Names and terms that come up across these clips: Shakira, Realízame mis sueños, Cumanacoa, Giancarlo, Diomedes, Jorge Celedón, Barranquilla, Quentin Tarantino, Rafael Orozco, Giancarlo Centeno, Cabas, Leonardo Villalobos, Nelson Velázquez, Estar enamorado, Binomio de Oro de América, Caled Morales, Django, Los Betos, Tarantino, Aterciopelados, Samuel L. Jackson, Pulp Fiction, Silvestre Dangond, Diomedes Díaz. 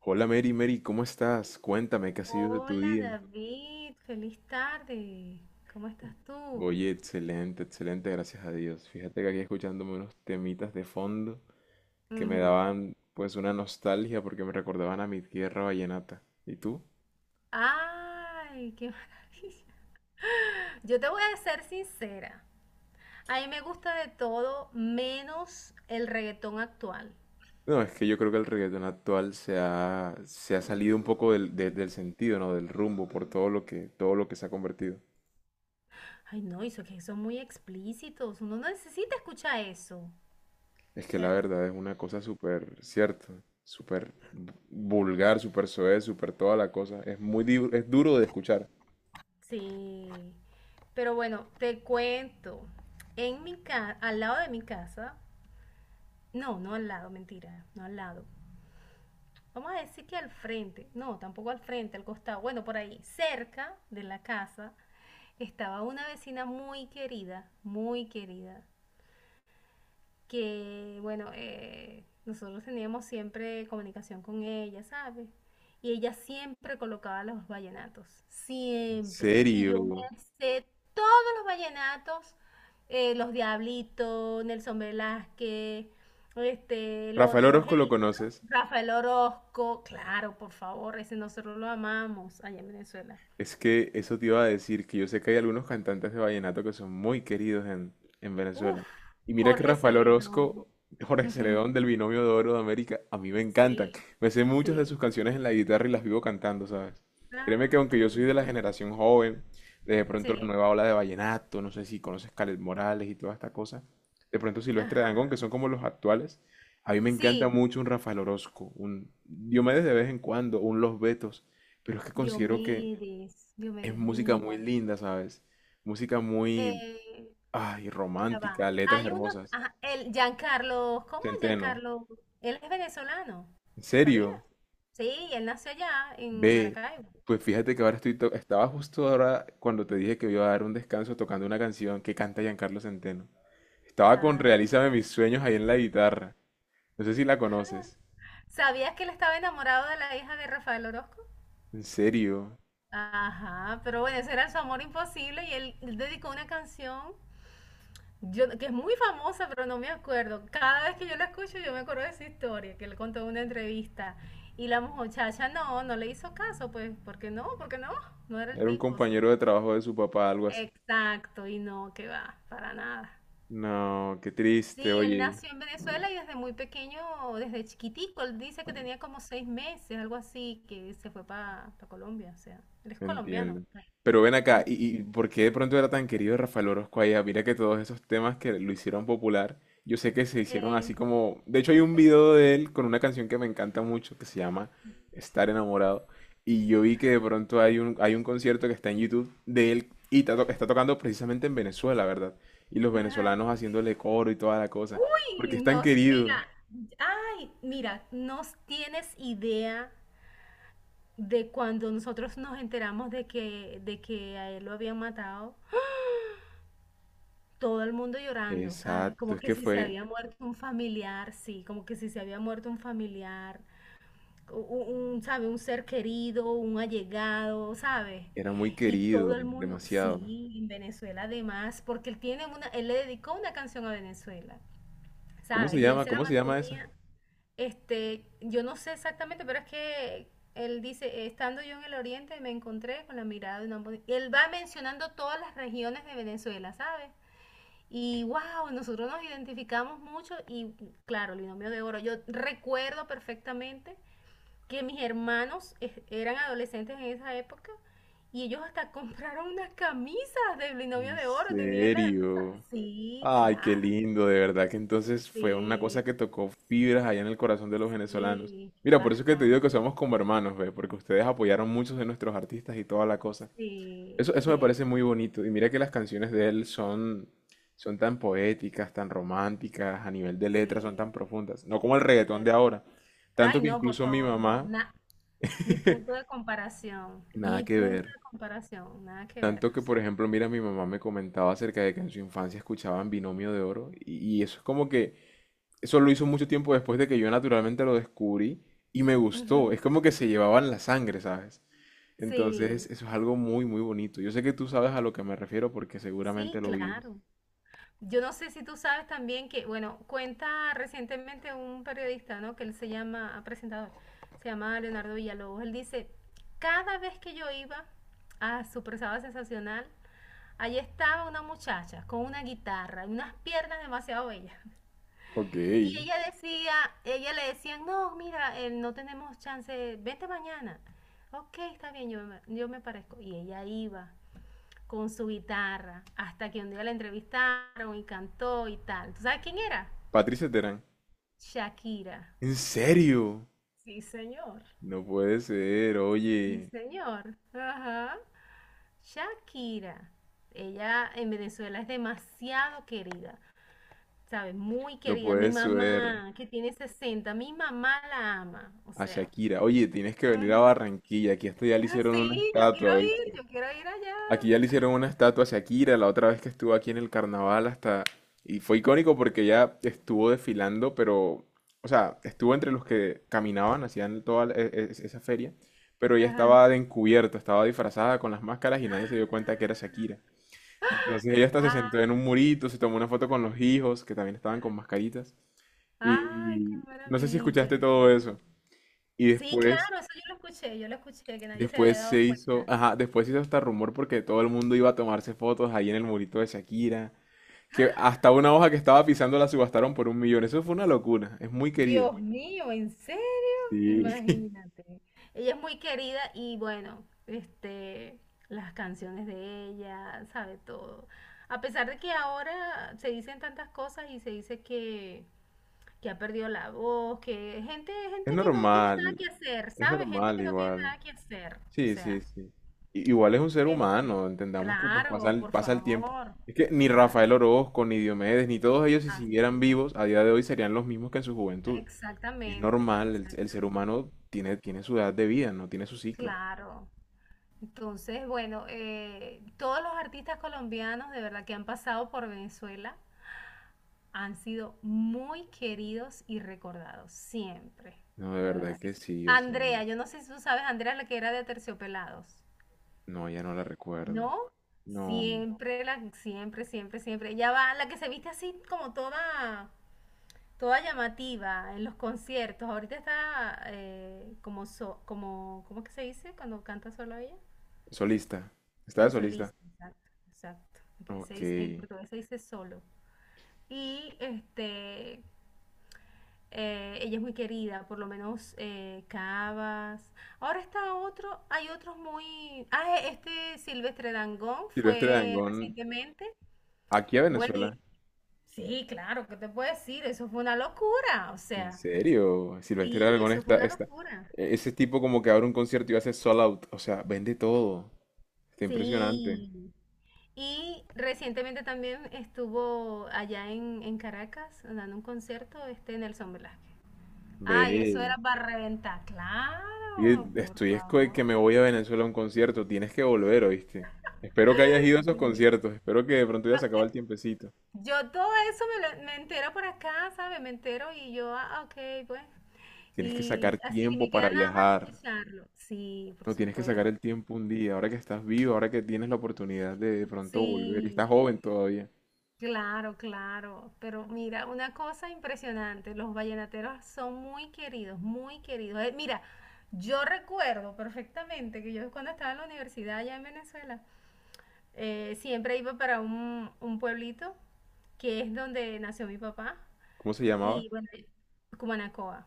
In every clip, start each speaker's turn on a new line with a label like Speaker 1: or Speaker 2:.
Speaker 1: Hola Mary, Mary, ¿cómo estás? Cuéntame, ¿qué ha sido de tu
Speaker 2: Hola
Speaker 1: día?
Speaker 2: David, feliz tarde. ¿Cómo estás tú?
Speaker 1: Oye, excelente, excelente, gracias a Dios. Fíjate que aquí escuchándome unos temitas de fondo que me
Speaker 2: Ujú.
Speaker 1: daban pues una nostalgia porque me recordaban a mi tierra vallenata. ¿Y tú?
Speaker 2: Ay, qué maravilla. Yo te voy a ser sincera. A mí me gusta de todo menos el reggaetón actual.
Speaker 1: No, es que yo creo que el reggaetón actual se ha salido un poco del sentido, ¿no? Del rumbo por todo lo que se ha convertido.
Speaker 2: Ay, no, eso que son muy explícitos. Uno no necesita escuchar eso,
Speaker 1: Es que la
Speaker 2: ¿cierto?
Speaker 1: verdad es una cosa súper cierta, súper vulgar, súper soez, súper toda la cosa. Es muy, es duro de escuchar.
Speaker 2: Sí. Pero bueno, te cuento. En mi casa, al lado de mi casa, no, no al lado, mentira, no al lado. Vamos a decir que al frente, no, tampoco al frente, al costado, bueno, por ahí, cerca de la casa, estaba una vecina muy querida que bueno, nosotros teníamos siempre comunicación con ella, ¿sabes? Y ella siempre colocaba los vallenatos, siempre. Y yo me
Speaker 1: Serio.
Speaker 2: sé todos los vallenatos, los Diablitos, Nelson Velázquez, este, el
Speaker 1: Rafael
Speaker 2: otro,
Speaker 1: Orozco lo
Speaker 2: Helio, ¿no?
Speaker 1: conoces.
Speaker 2: Rafael Orozco, claro, por favor, ese nosotros lo amamos allá en Venezuela.
Speaker 1: Es que eso te iba a decir, que yo sé que hay algunos cantantes de vallenato que son muy queridos en
Speaker 2: Uf,
Speaker 1: Venezuela. Y mira que
Speaker 2: Jorge
Speaker 1: Rafael
Speaker 2: Celedón.
Speaker 1: Orozco, Jorge Celedón
Speaker 2: Ujú,
Speaker 1: del Binomio de Oro de América, a mí me encantan.
Speaker 2: sí,
Speaker 1: Me sé muchas de
Speaker 2: sí.
Speaker 1: sus canciones en la guitarra y las vivo cantando, ¿sabes? Créeme que
Speaker 2: Ay,
Speaker 1: aunque
Speaker 2: qué
Speaker 1: yo soy de la
Speaker 2: lindo.
Speaker 1: generación joven, de pronto la
Speaker 2: Sí,
Speaker 1: nueva ola de vallenato, no sé si conoces Caled Morales y toda esta cosa, de pronto Silvestre Dangond,
Speaker 2: ajá.
Speaker 1: que son como los actuales, a mí me encanta
Speaker 2: Sí,
Speaker 1: mucho un Rafael Orozco, un Diomedes de vez en cuando, un Los Betos, pero es que considero que es
Speaker 2: Diomedes
Speaker 1: música muy
Speaker 2: Díaz.
Speaker 1: linda, ¿sabes? Música muy,
Speaker 2: Eh,
Speaker 1: ay,
Speaker 2: ya va.
Speaker 1: romántica, letras
Speaker 2: Hay uno,
Speaker 1: hermosas.
Speaker 2: ajá, el Giancarlo, ¿cómo
Speaker 1: Centeno,
Speaker 2: Giancarlo? Él es venezolano,
Speaker 1: ¿en
Speaker 2: ¿sabías?
Speaker 1: serio?
Speaker 2: Sí, él nació allá en
Speaker 1: Ve,
Speaker 2: Maracaibo.
Speaker 1: pues fíjate que ahora estaba justo ahora cuando te dije que iba a dar un descanso tocando una canción que canta Giancarlo Centeno. Estaba con
Speaker 2: Ah,
Speaker 1: Realízame mis sueños ahí en la guitarra. No sé si la conoces.
Speaker 2: ¿sabías que él estaba enamorado de la hija de Rafael Orozco?
Speaker 1: ¿En serio?
Speaker 2: Ajá, pero bueno, ese era su amor imposible y él dedicó una canción que es muy famosa, pero no me acuerdo. Cada vez que yo la escucho, yo me acuerdo de esa historia, que le contó en una entrevista. Y la muchacha no le hizo caso, pues, ¿por qué no? ¿Por qué no? No era el
Speaker 1: Era un
Speaker 2: tipo, o sea.
Speaker 1: compañero de trabajo de su papá, algo así.
Speaker 2: Exacto, y no, que va, para nada.
Speaker 1: No, qué triste,
Speaker 2: Sí, él
Speaker 1: oye.
Speaker 2: nació en Venezuela y desde muy pequeño, desde chiquitico, él dice que tenía como 6 meses, algo así, que se fue para Colombia, o sea, él es colombiano,
Speaker 1: Entiendo.
Speaker 2: pues.
Speaker 1: Pero ven
Speaker 2: Mm.
Speaker 1: acá, ¿y por qué de pronto era tan querido Rafael Orozco allá? Mira que todos esos temas que lo hicieron popular, yo sé que se hicieron así
Speaker 2: Eh,
Speaker 1: como... De hecho hay un video de él con una canción que me encanta mucho que se llama Estar enamorado. Y yo vi que de pronto hay un concierto que está en YouTube de él y está tocando precisamente en Venezuela, ¿verdad? Y los venezolanos haciéndole coro y toda la cosa. Porque
Speaker 2: Uy,
Speaker 1: es tan querido.
Speaker 2: mira, ay, mira, no tienes idea de cuando nosotros nos enteramos de que a él lo habían matado, todo el mundo llorando, ¿sabes?
Speaker 1: Exacto,
Speaker 2: Como
Speaker 1: es
Speaker 2: que
Speaker 1: que
Speaker 2: si se
Speaker 1: fue...
Speaker 2: había muerto un familiar, sí, como que si se había muerto un familiar, u- u- un, ¿sabe? Un ser querido, un allegado, ¿sabes?
Speaker 1: Era muy
Speaker 2: Y
Speaker 1: querido,
Speaker 2: todo el mundo,
Speaker 1: demasiado.
Speaker 2: sí, en Venezuela además, porque él le dedicó una canción a Venezuela,
Speaker 1: ¿Cómo
Speaker 2: ¿sabes?
Speaker 1: se
Speaker 2: Y él
Speaker 1: llama?
Speaker 2: se la
Speaker 1: ¿Cómo se llama esa?
Speaker 2: mantenía. Este, yo no sé exactamente, pero es que él dice, estando yo en el oriente me encontré con la mirada de una mujer". Y él va mencionando todas las regiones de Venezuela, ¿sabes? Y wow, nosotros nos identificamos mucho y claro, el Binomio de Oro. Yo recuerdo perfectamente que mis hermanos eran adolescentes en esa época y ellos hasta compraron unas camisas del Binomio
Speaker 1: ¿En
Speaker 2: de Oro, tenían la...
Speaker 1: serio?
Speaker 2: Sí,
Speaker 1: Ay, qué
Speaker 2: claro,
Speaker 1: lindo, de verdad que entonces fue una cosa
Speaker 2: sí,
Speaker 1: que tocó fibras allá en el corazón de los venezolanos.
Speaker 2: sí,
Speaker 1: Mira, por eso es que te digo que
Speaker 2: bastante.
Speaker 1: somos como hermanos, ve, porque ustedes apoyaron muchos de nuestros artistas y toda la cosa.
Speaker 2: Sí,
Speaker 1: Eso me parece
Speaker 2: cierto,
Speaker 1: muy bonito. Y mira que las canciones de él son tan poéticas, tan románticas, a nivel de letras son
Speaker 2: sí,
Speaker 1: tan profundas. No como el reggaetón de
Speaker 2: cierto.
Speaker 1: ahora. Tanto
Speaker 2: Ay,
Speaker 1: que
Speaker 2: no, por
Speaker 1: incluso mi
Speaker 2: favor, no,
Speaker 1: mamá,
Speaker 2: ni punto de comparación,
Speaker 1: nada
Speaker 2: ni
Speaker 1: que
Speaker 2: punto
Speaker 1: ver.
Speaker 2: de comparación, nada que ver,
Speaker 1: Tanto
Speaker 2: o
Speaker 1: que, por
Speaker 2: sea.
Speaker 1: ejemplo, mira, mi mamá me comentaba acerca de que en su infancia escuchaban Binomio de Oro y eso es como que, eso lo hizo mucho tiempo después de que yo naturalmente lo descubrí y me gustó,
Speaker 2: Ujú.
Speaker 1: es como que se llevaban la sangre, ¿sabes? Entonces,
Speaker 2: Sí,
Speaker 1: eso es algo muy, muy bonito. Yo sé que tú sabes a lo que me refiero porque
Speaker 2: sí,
Speaker 1: seguramente lo vives.
Speaker 2: claro. Yo no sé si tú sabes también que, bueno, cuenta recientemente un periodista, ¿no? Que él se llama, presentador, se llama Leonardo Villalobos. Él dice, cada vez que yo iba a su presada sensacional, allí estaba una muchacha con una guitarra y unas piernas demasiado bellas.
Speaker 1: Ok.
Speaker 2: Y ella le decían, no, mira, no tenemos chance, vente mañana. Ok, está bien, yo me parezco. Y ella iba con su guitarra hasta que un día la entrevistaron y cantó y tal. ¿Tú sabes quién era?
Speaker 1: Patricia Terán.
Speaker 2: Shakira.
Speaker 1: ¿En serio?
Speaker 2: Sí, señor.
Speaker 1: No puede ser,
Speaker 2: Sí,
Speaker 1: oye.
Speaker 2: señor. Ajá. Shakira. Ella en Venezuela es demasiado querida, ¿sabes? Muy
Speaker 1: No
Speaker 2: querida. Mi
Speaker 1: puede ser.
Speaker 2: mamá, que tiene 60, mi mamá la ama. O
Speaker 1: A
Speaker 2: sea.
Speaker 1: Shakira. Oye, tienes que venir a
Speaker 2: Ujú.
Speaker 1: Barranquilla. Aquí hasta ya le
Speaker 2: Ah,
Speaker 1: hicieron una
Speaker 2: sí,
Speaker 1: estatua, ¿oíste?
Speaker 2: yo quiero ir
Speaker 1: Aquí
Speaker 2: allá.
Speaker 1: ya le hicieron una estatua a Shakira la otra vez que estuvo aquí en el carnaval hasta... Y fue icónico porque ya estuvo desfilando, pero... O sea, estuvo entre los que caminaban, hacían toda la- e- e- esa feria, pero ella
Speaker 2: Ajá.
Speaker 1: estaba de encubierta, estaba disfrazada con las máscaras y nadie se dio cuenta que era Shakira. Entonces ella hasta se sentó
Speaker 2: Ah,
Speaker 1: en un murito, se tomó una foto con los hijos, que también estaban con mascaritas.
Speaker 2: ah, ay, qué
Speaker 1: Y no sé si escuchaste
Speaker 2: maravilla, qué
Speaker 1: todo eso.
Speaker 2: maravilla.
Speaker 1: Y
Speaker 2: Sí,
Speaker 1: después...
Speaker 2: claro, eso yo lo escuché, que nadie se había
Speaker 1: Después
Speaker 2: dado
Speaker 1: se hizo,
Speaker 2: cuenta.
Speaker 1: ajá, después se hizo hasta rumor porque todo el mundo iba a tomarse fotos ahí en el murito de Shakira, que
Speaker 2: ¡Ah!
Speaker 1: hasta una hoja que estaba pisando la subastaron por un millón. Eso fue una locura, es muy querida.
Speaker 2: Dios mío, ¿en serio?
Speaker 1: Sí.
Speaker 2: Imagínate. Ella es muy querida y bueno, este, las canciones de ella, sabe todo. A pesar de que ahora se dicen tantas cosas y se dice que ha perdido la voz, que gente,
Speaker 1: Es
Speaker 2: gente que no tiene nada
Speaker 1: normal,
Speaker 2: que hacer,
Speaker 1: es
Speaker 2: ¿sabes? Gente
Speaker 1: normal
Speaker 2: que no tiene
Speaker 1: igual.
Speaker 2: nada que hacer. O
Speaker 1: Sí, sí,
Speaker 2: sea,
Speaker 1: sí. Igual es un ser
Speaker 2: este,
Speaker 1: humano, entendamos que pues pasa
Speaker 2: claro, por
Speaker 1: pasa el tiempo.
Speaker 2: favor,
Speaker 1: Es que ni Rafael
Speaker 2: claro,
Speaker 1: Orozco, ni Diomedes, ni todos ellos si siguieran
Speaker 2: así es.
Speaker 1: vivos a día de hoy serían los mismos que en su juventud. Es
Speaker 2: Exactamente,
Speaker 1: normal, el ser
Speaker 2: exactamente.
Speaker 1: humano tiene su edad de vida, no tiene su ciclo.
Speaker 2: Claro. Entonces, bueno, todos los artistas colombianos de verdad que han pasado por Venezuela han sido muy queridos y recordados, siempre.
Speaker 1: No, de
Speaker 2: De
Speaker 1: verdad
Speaker 2: verdad que
Speaker 1: que
Speaker 2: sí.
Speaker 1: sí, o sea,
Speaker 2: Andrea, yo no sé si tú sabes, Andrea, la que era de Aterciopelados.
Speaker 1: no, ya no la recuerdo.
Speaker 2: ¿No?
Speaker 1: No,
Speaker 2: Siempre, siempre, siempre, siempre. Ella va, la que se viste así como toda, toda llamativa en los conciertos. Ahorita está como, ¿cómo es que se dice cuando canta solo ella?
Speaker 1: solista, estaba de
Speaker 2: En
Speaker 1: solista.
Speaker 2: solista, exacto, exacto. Aquí se
Speaker 1: Ok,
Speaker 2: dice, en portugués se dice solo. Y este, ella es muy querida, por lo menos Cabas. Ahora está otro, hay otros muy... Ah, este Silvestre Dangond
Speaker 1: Silvestre
Speaker 2: fue
Speaker 1: Dangond,
Speaker 2: recientemente.
Speaker 1: aquí a
Speaker 2: Bueno,
Speaker 1: Venezuela.
Speaker 2: sí, claro, ¿qué te puedo decir? Eso fue una locura, o
Speaker 1: ¿En
Speaker 2: sea,
Speaker 1: serio? Silvestre
Speaker 2: sí,
Speaker 1: Dangond
Speaker 2: eso fue una
Speaker 1: está,
Speaker 2: locura.
Speaker 1: ese tipo como que abre un concierto y hace sold out, o sea, vende todo. Está impresionante.
Speaker 2: Sí. Y recientemente también estuvo allá en Caracas dando un concierto este Nelson Velázquez. Ay, eso era
Speaker 1: Ve,
Speaker 2: para reventar,
Speaker 1: oye,
Speaker 2: claro, por
Speaker 1: que
Speaker 2: favor.
Speaker 1: me voy a Venezuela a un concierto, tienes que volver, ¿oíste? Espero que hayas ido a esos
Speaker 2: Sí.
Speaker 1: conciertos, espero que de pronto ya
Speaker 2: No,
Speaker 1: se acaba el tiempecito.
Speaker 2: yo todo eso me entero por acá, ¿sabes? Me entero y yo, ah, ok, pues.
Speaker 1: Tienes que
Speaker 2: Y
Speaker 1: sacar
Speaker 2: así
Speaker 1: tiempo
Speaker 2: me
Speaker 1: para
Speaker 2: queda nada más
Speaker 1: viajar.
Speaker 2: escucharlo. Sí, por
Speaker 1: No tienes que sacar
Speaker 2: supuesto.
Speaker 1: el tiempo un día, ahora que estás vivo, ahora que tienes la oportunidad de pronto volver. Y estás
Speaker 2: Sí.
Speaker 1: joven todavía.
Speaker 2: Claro, claro, pero mira, una cosa impresionante, los vallenateros son muy queridos, muy queridos. Mira, yo recuerdo perfectamente que yo cuando estaba en la universidad allá en Venezuela, siempre iba para un pueblito que es donde nació mi papá
Speaker 1: ¿Cómo se llamaba?
Speaker 2: y bueno, Cumanacoa.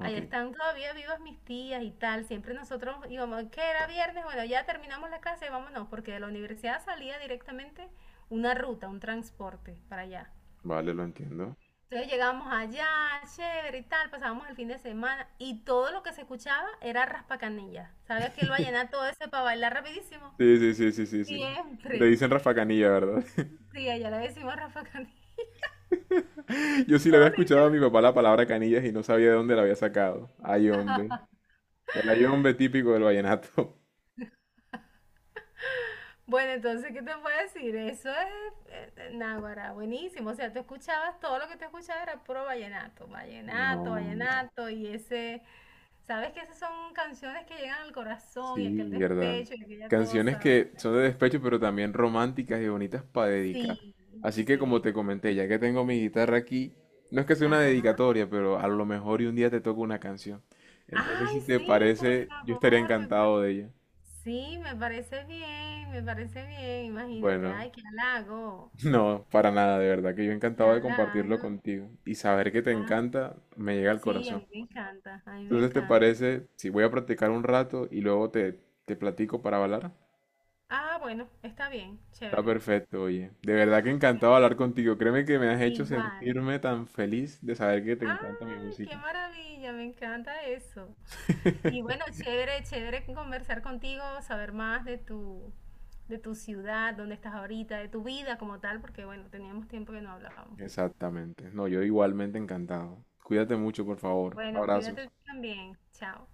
Speaker 1: Ok,
Speaker 2: Allá están todavía vivas mis tías y tal, siempre nosotros íbamos, que era viernes, bueno, ya terminamos la clase, vámonos, porque de la universidad salía directamente una ruta, un transporte para allá.
Speaker 1: vale, lo entiendo.
Speaker 2: Entonces llegábamos allá, chévere y tal, pasábamos el fin de semana y todo lo que se escuchaba era raspacanilla. ¿Sabes que lo va a llenar todo ese para bailar rapidísimo?
Speaker 1: Sí, sí, sí, sí, sí, sí. Le
Speaker 2: Siempre.
Speaker 1: dicen Rafa Canilla, ¿verdad?
Speaker 2: Sí, allá le decimos raspacanilla.
Speaker 1: Yo sí le había
Speaker 2: ¿Cómo le
Speaker 1: escuchado
Speaker 2: dicen?
Speaker 1: a mi papá la palabra canillas y no sabía de dónde la había sacado. Ay, hombre. El ay, hombre típico del vallenato.
Speaker 2: Bueno, entonces, ¿qué te puedo decir? Eso es náguara, buenísimo. O sea, tú escuchabas, todo lo que te escuchaba era puro vallenato, vallenato,
Speaker 1: No.
Speaker 2: vallenato y ese... ¿Sabes que esas son canciones que llegan al corazón y aquel
Speaker 1: Sí, verdad.
Speaker 2: despecho y aquella
Speaker 1: Canciones
Speaker 2: cosa?
Speaker 1: que son de despecho, pero también románticas y bonitas para dedicar.
Speaker 2: Sí,
Speaker 1: Así que como
Speaker 2: sí.
Speaker 1: te comenté, ya que tengo mi guitarra aquí, no es que sea una
Speaker 2: Ajá.
Speaker 1: dedicatoria, pero a lo mejor y un día te toco una canción. Entonces,
Speaker 2: Ay,
Speaker 1: si te
Speaker 2: sí, por
Speaker 1: parece, yo estaría
Speaker 2: favor, me
Speaker 1: encantado
Speaker 2: parece,
Speaker 1: de ella.
Speaker 2: sí, me parece bien, imagínate,
Speaker 1: Bueno,
Speaker 2: ay, qué halago,
Speaker 1: no, para nada, de verdad, que yo
Speaker 2: qué
Speaker 1: encantado de compartirlo
Speaker 2: halago.
Speaker 1: contigo. Y saber que te
Speaker 2: Ah,
Speaker 1: encanta me llega al
Speaker 2: sí, a
Speaker 1: corazón.
Speaker 2: mí me encanta, a mí me
Speaker 1: Entonces, ¿te
Speaker 2: encanta.
Speaker 1: parece si voy a practicar un rato y luego te platico para bailar?
Speaker 2: Ah, bueno, está bien,
Speaker 1: Está
Speaker 2: chévere.
Speaker 1: perfecto, oye. De verdad que
Speaker 2: Bueno,
Speaker 1: encantado hablar contigo. Créeme que me has hecho
Speaker 2: igual.
Speaker 1: sentirme tan feliz de saber que te encanta mi
Speaker 2: Ay, qué
Speaker 1: música.
Speaker 2: maravilla, me encanta eso. Y bueno, chévere, chévere conversar contigo, saber más de tu, ciudad, dónde estás ahorita, de tu vida como tal, porque bueno, teníamos tiempo que no hablábamos.
Speaker 1: Exactamente. No, yo igualmente encantado. Cuídate mucho, por favor.
Speaker 2: Bueno, cuídate
Speaker 1: Abrazos.
Speaker 2: tú también. Chao.